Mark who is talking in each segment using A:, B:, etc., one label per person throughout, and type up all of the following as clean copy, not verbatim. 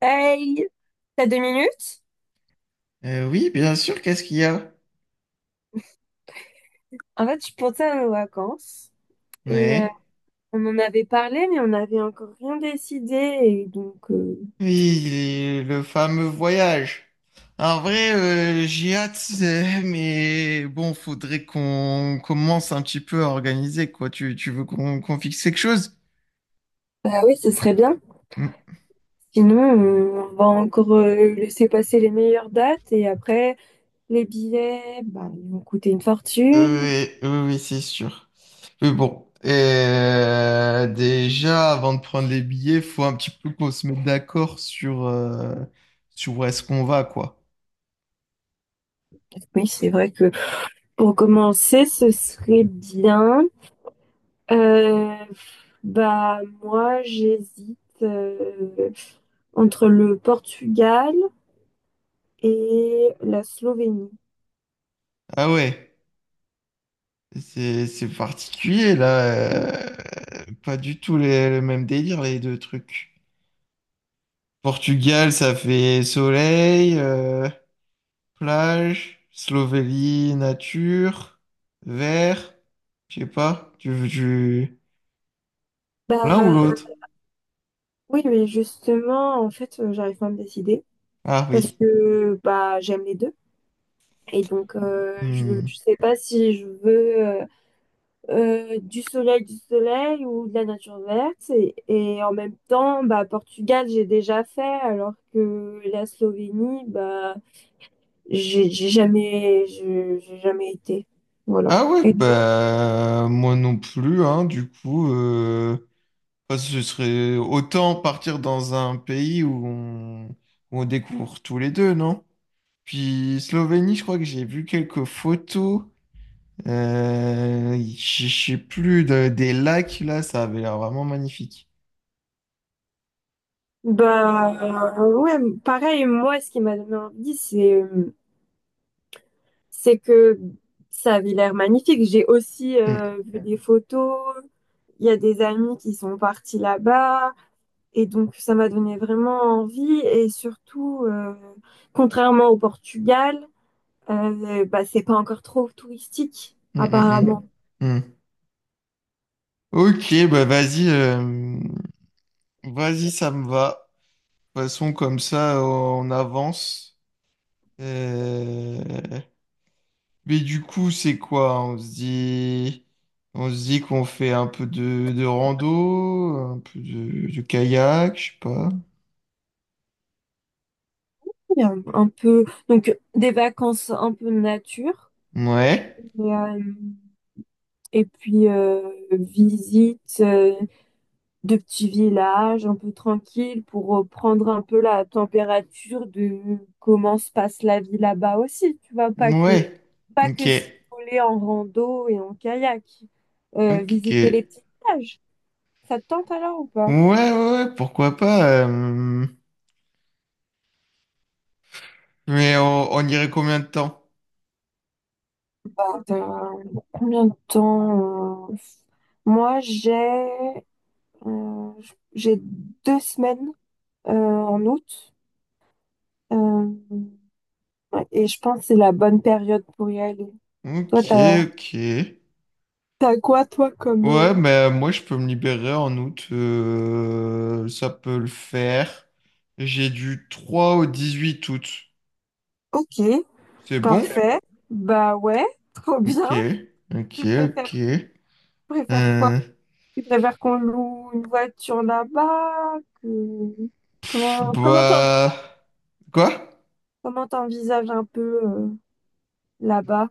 A: Hey, t'as deux minutes?
B: Oui, bien sûr, qu'est-ce qu'il y a?
A: En fait, je pensais à nos vacances et
B: Ouais.
A: on en avait parlé, mais on n'avait encore rien décidé. Et
B: Oui, le fameux voyage. En vrai, j'ai hâte, mais bon, faudrait qu'on commence un petit peu à organiser, quoi. Tu veux qu'on fixe quelque chose?
A: bah oui, ce serait bien.
B: Mm.
A: Sinon, on va encore laisser passer les meilleures dates, et après, les billets, bah, ils vont coûter une fortune.
B: Oui, oui, oui, c'est sûr. Mais bon, déjà, avant de prendre les billets, faut un petit peu qu'on se mette d'accord sur, sur où est-ce qu'on va, quoi.
A: Oui, c'est vrai que pour commencer, ce serait bien. Euh, Bah, moi, j'hésite entre le Portugal et la Slovénie.
B: Ah ouais. C'est particulier là, euh, pas du tout le même délire les deux trucs. Portugal, ça fait soleil, plage, Slovénie, nature, vert, je sais pas, tu veux
A: Bah
B: l'un ou l'autre?
A: oui, mais justement, en fait, j'arrive pas à me décider
B: Ah
A: parce
B: oui.
A: que bah j'aime les deux. Et donc
B: Hmm.
A: je sais pas si je veux du soleil ou de la nature verte. Et en même temps, bah Portugal, j'ai déjà fait, alors que la Slovénie, bah j'ai jamais je- j'ai jamais été. Voilà.
B: Ah ouais,
A: Et toi?
B: bah moi non plus, hein, du coup, parce que ce serait autant partir dans un pays où on découvre tous les deux, non? Puis Slovénie, je crois que j'ai vu quelques photos. Je sais plus, des lacs, là, ça avait l'air vraiment magnifique.
A: Bah ouais, pareil, moi ce qui m'a donné envie, c'est que ça avait l'air magnifique. J'ai aussi
B: Mm,
A: vu des photos. Il y a des amis qui sont partis là-bas. Et donc, ça m'a donné vraiment envie. Et surtout, contrairement au Portugal, bah, c'est pas encore trop touristique,
B: mm, mm,
A: apparemment.
B: mm, mm. Ok, bah vas-y, vas-y, ça me va. De toute façon, comme ça, on avance. Euh, Mais du coup, c'est quoi? On se dit qu'on fait un peu de rando, un peu de kayak, je sais pas.
A: Il y a un peu, donc, des vacances un peu nature.
B: Ouais.
A: Et, euh, et visite de petits villages un peu tranquilles pour prendre un peu la température de comment se passe la vie là-bas aussi, tu vois,
B: Ouais,
A: pas que
B: ok,
A: s'isoler en rando et en kayak.
B: ok. Ok.
A: Visiter les petits villages. Ça te tente alors ou pas?
B: Ouais, ouais, ouais, pourquoi pas. Mais on irait combien de temps?
A: Euh, combien de temps? Moi, euh, j'ai deux semaines en août, euh, ouais, et je pense que c'est la bonne période pour y aller. Toi,
B: Ok, ok.
A: t'as quoi toi comme
B: Ouais, bah moi je peux me libérer en août. Ça peut le faire. J'ai du 3 au 18 août.
A: Ok,
B: C'est bon?
A: parfait. Bah ouais, trop
B: Ok,
A: bien.
B: ok,
A: Tu
B: ok.
A: préfères, préfères quoi?
B: Euh,
A: Tu préfères qu'on loue une voiture là-bas?
B: pff,
A: Comment, comment t'en-
B: bah... Quoi?
A: comment t'envisages un peu là-bas?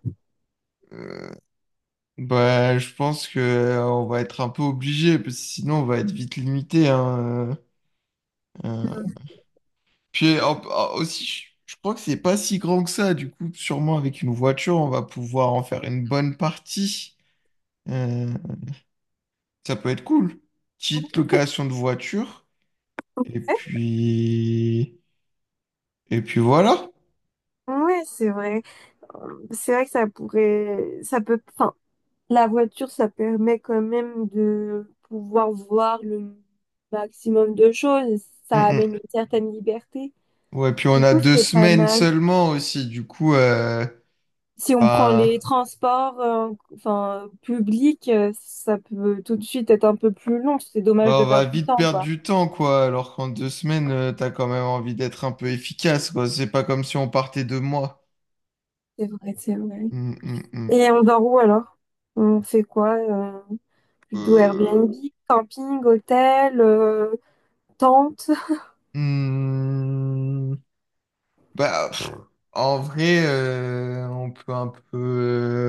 B: Bah, je pense que on va être un peu obligé, parce que sinon on va être vite limité. hein, euh, euh. Puis aussi, je crois que c'est pas si grand que ça. Du coup, sûrement avec une voiture, on va pouvoir en faire une bonne partie. Euh, Ça peut être cool. Petite location de voiture. Et puis, et puis voilà.
A: Ouais, ouais, c'est vrai. C'est vrai que ça peut, enfin, la voiture, ça permet quand même de pouvoir voir le maximum de choses.
B: Mm,
A: Ça amène une
B: mm.
A: certaine liberté.
B: Ouais, puis on
A: Du
B: a
A: coup,
B: deux
A: c'est pas
B: semaines
A: mal.
B: seulement aussi. Du coup,
A: Si on prend
B: enfin,
A: les transports, enfin, publics, ça peut tout de suite être un peu plus long. C'est dommage
B: bah,
A: de
B: on va
A: perdre du
B: vite
A: temps,
B: perdre
A: quoi.
B: du temps, quoi, alors qu'en 2 semaines, t'as quand même envie d'être un peu efficace, quoi. C'est pas comme si on partait 2 mois.
A: C'est vrai, c'est vrai.
B: Hum, hum, hum.
A: Et on dort où alors? On fait quoi? Plutôt Airbnb,
B: Euh,
A: camping, hôtel, tente.
B: hum. Bah, pff, en vrai, on peut un peu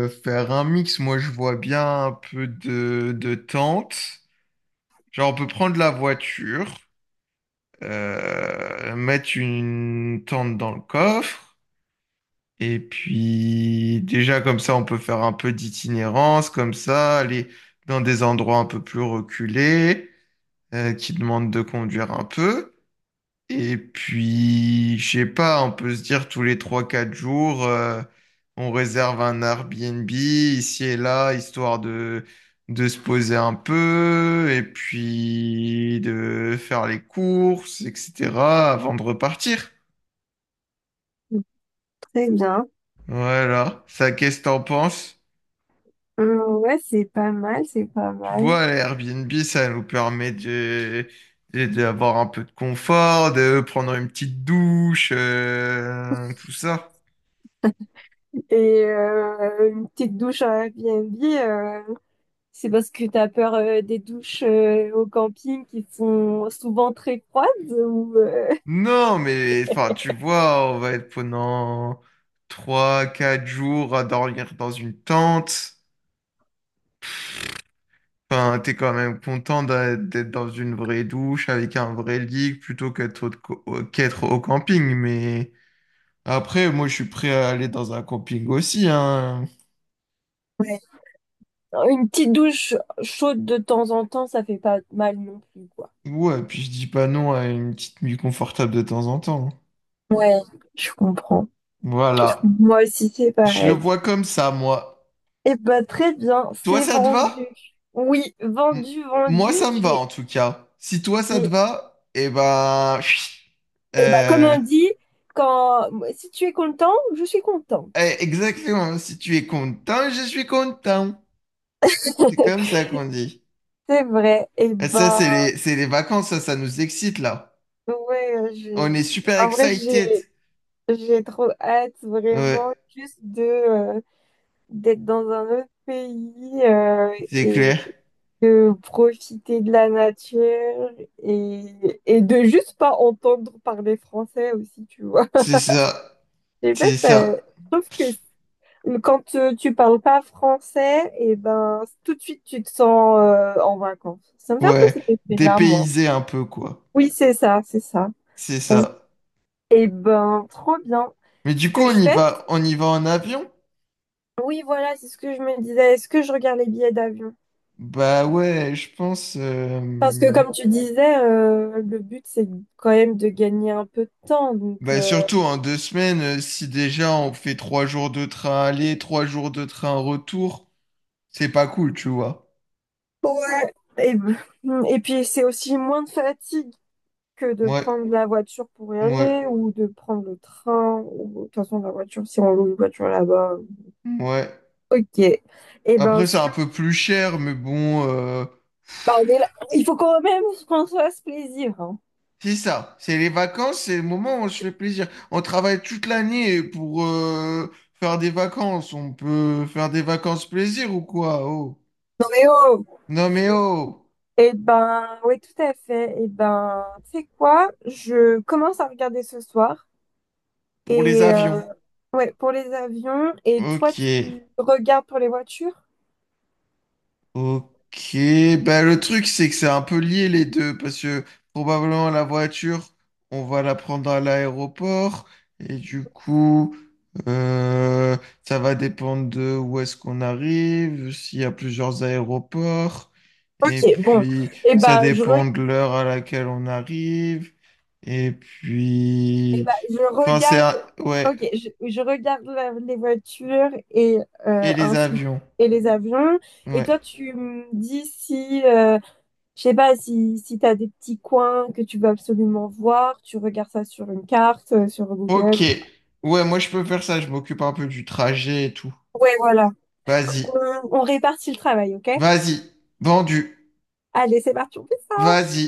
B: faire un mix. Moi, je vois bien un peu de tente. Genre, on peut prendre la voiture, mettre une tente dans le coffre. Et puis déjà comme ça, on peut faire un peu d'itinérance, comme ça, aller dans des endroits un peu plus reculés, qui demandent de conduire un peu. Et puis, je sais pas, on peut se dire tous les trois quatre jours, on réserve un Airbnb ici et là, histoire de se poser un peu, et puis de faire les courses, etc., avant de repartir.
A: Très bien.
B: Voilà. Ça, qu'est-ce que t'en penses?
A: Ouais, c'est pas mal, c'est pas
B: Tu
A: mal.
B: vois, Airbnb, ça nous permet d'avoir un peu de confort, de prendre une petite douche, tout ça.
A: Et une petite douche à Airbnb, c'est parce que t'as peur des douches au camping qui sont souvent très froides ou
B: Non, mais enfin, tu vois, on va être pendant trois, quatre jours à dormir dans une tente. Enfin, t'es quand même content d'être dans une vraie douche avec un vrai lit plutôt qu'être au camping. Mais après, moi, je suis prêt à aller dans un camping aussi, hein.
A: Ouais, une petite douche chaude de temps en temps, ça fait pas mal non plus, quoi.
B: Ouais, puis je dis pas non à une petite nuit confortable de temps en temps, hein.
A: Ouais, je comprends.
B: Voilà.
A: Moi aussi, c'est
B: Je le
A: pareil.
B: vois comme ça, moi.
A: Eh ben, très bien,
B: Toi,
A: c'est
B: ça te
A: vendu.
B: va?
A: Oui,
B: M-
A: vendu,
B: Moi,
A: vendu.
B: ça me va, en tout cas. Si toi, ça te
A: J'ai...
B: va, eh ben... chut.
A: Eh ben, comme
B: Euh,
A: on dit, quand... si tu es content, je suis
B: eh,
A: contente.
B: exactement. Si tu es content, je suis content. C'est comme ça qu'on dit.
A: C'est vrai. Et
B: Et ça,
A: bah,
B: c'est les vacances, ça nous excite, là.
A: ouais, je...
B: On est super
A: en vrai,
B: excited.
A: j'ai trop hâte
B: Ouais,
A: vraiment juste de d'être dans un autre pays
B: c'est
A: et
B: clair.
A: de profiter de la nature et de juste pas entendre parler français aussi, tu vois.
B: C'est ça.
A: Je sais pas,
B: C'est
A: je
B: ça.
A: trouve que quand tu parles pas français, et ben tout de suite tu te sens en vacances. Ça me fait un peu
B: Ouais.
A: cet effet-là, moi.
B: Dépaysé un peu, quoi.
A: Oui, c'est ça, c'est ça.
B: C'est
A: Ça me...
B: ça.
A: Eh ben, trop bien.
B: Mais
A: Ce
B: du coup,
A: que
B: on
A: je
B: y
A: fais,
B: va, on y va en avion?
A: oui, voilà, c'est ce que je me disais. Est-ce que je regarde les billets d'avion?
B: Bah ouais, je pense.
A: Parce que comme tu disais, le but c'est quand même de gagner un peu de temps.
B: Bah surtout en 2 semaines, si déjà on fait 3 jours de train aller, 3 jours de train retour, c'est pas cool, tu vois.
A: Ouais. Et puis c'est aussi moins de fatigue que de
B: Ouais,
A: prendre la voiture pour y
B: ouais,
A: aller ou de prendre le train ou de toute façon la voiture si on loue une voiture là-bas.
B: ouais.
A: Ok.
B: Après, c'est un peu plus cher, mais bon,
A: Bah, il faut quand même qu'on se fasse plaisir, hein.
B: c'est ça. C'est les vacances, c'est le moment où on se fait plaisir. On travaille toute l'année pour faire des vacances. On peut faire des vacances plaisir ou quoi? Oh.
A: Non mais oh.
B: Non mais oh.
A: Et ben oui tout à fait. Et ben tu sais quoi? Je commence à regarder ce soir
B: Pour les
A: et
B: avions.
A: euh, ouais pour les avions, et toi
B: Ok,
A: tu regardes pour les voitures?
B: ok. Ben, le truc, c'est que c'est un peu lié les deux, parce que probablement la voiture, on va la prendre à l'aéroport, et du coup, euh, ça va dépendre de où est-ce qu'on arrive, s'il y a plusieurs aéroports, et
A: Ok, bon.
B: puis
A: Eh
B: ça
A: ben, je,
B: dépend
A: re-
B: de l'heure à laquelle on arrive, et puis...
A: je
B: Enfin,
A: regarde.
B: Ouais,
A: Je regarde les voitures et
B: et les
A: ainsi
B: avions.
A: et les avions. Et
B: Ouais.
A: toi, tu me dis si, je sais pas, si t'as des petits coins que tu veux absolument voir, tu regardes ça sur une carte, sur Google.
B: Ok.
A: Ou...
B: Ouais, moi je peux faire ça, je m'occupe un peu du trajet et tout.
A: ouais, voilà.
B: Vas-y.
A: On répartit le travail, ok?
B: Vas-y. Vendu.
A: Allez, c'est parti.
B: Vas-y.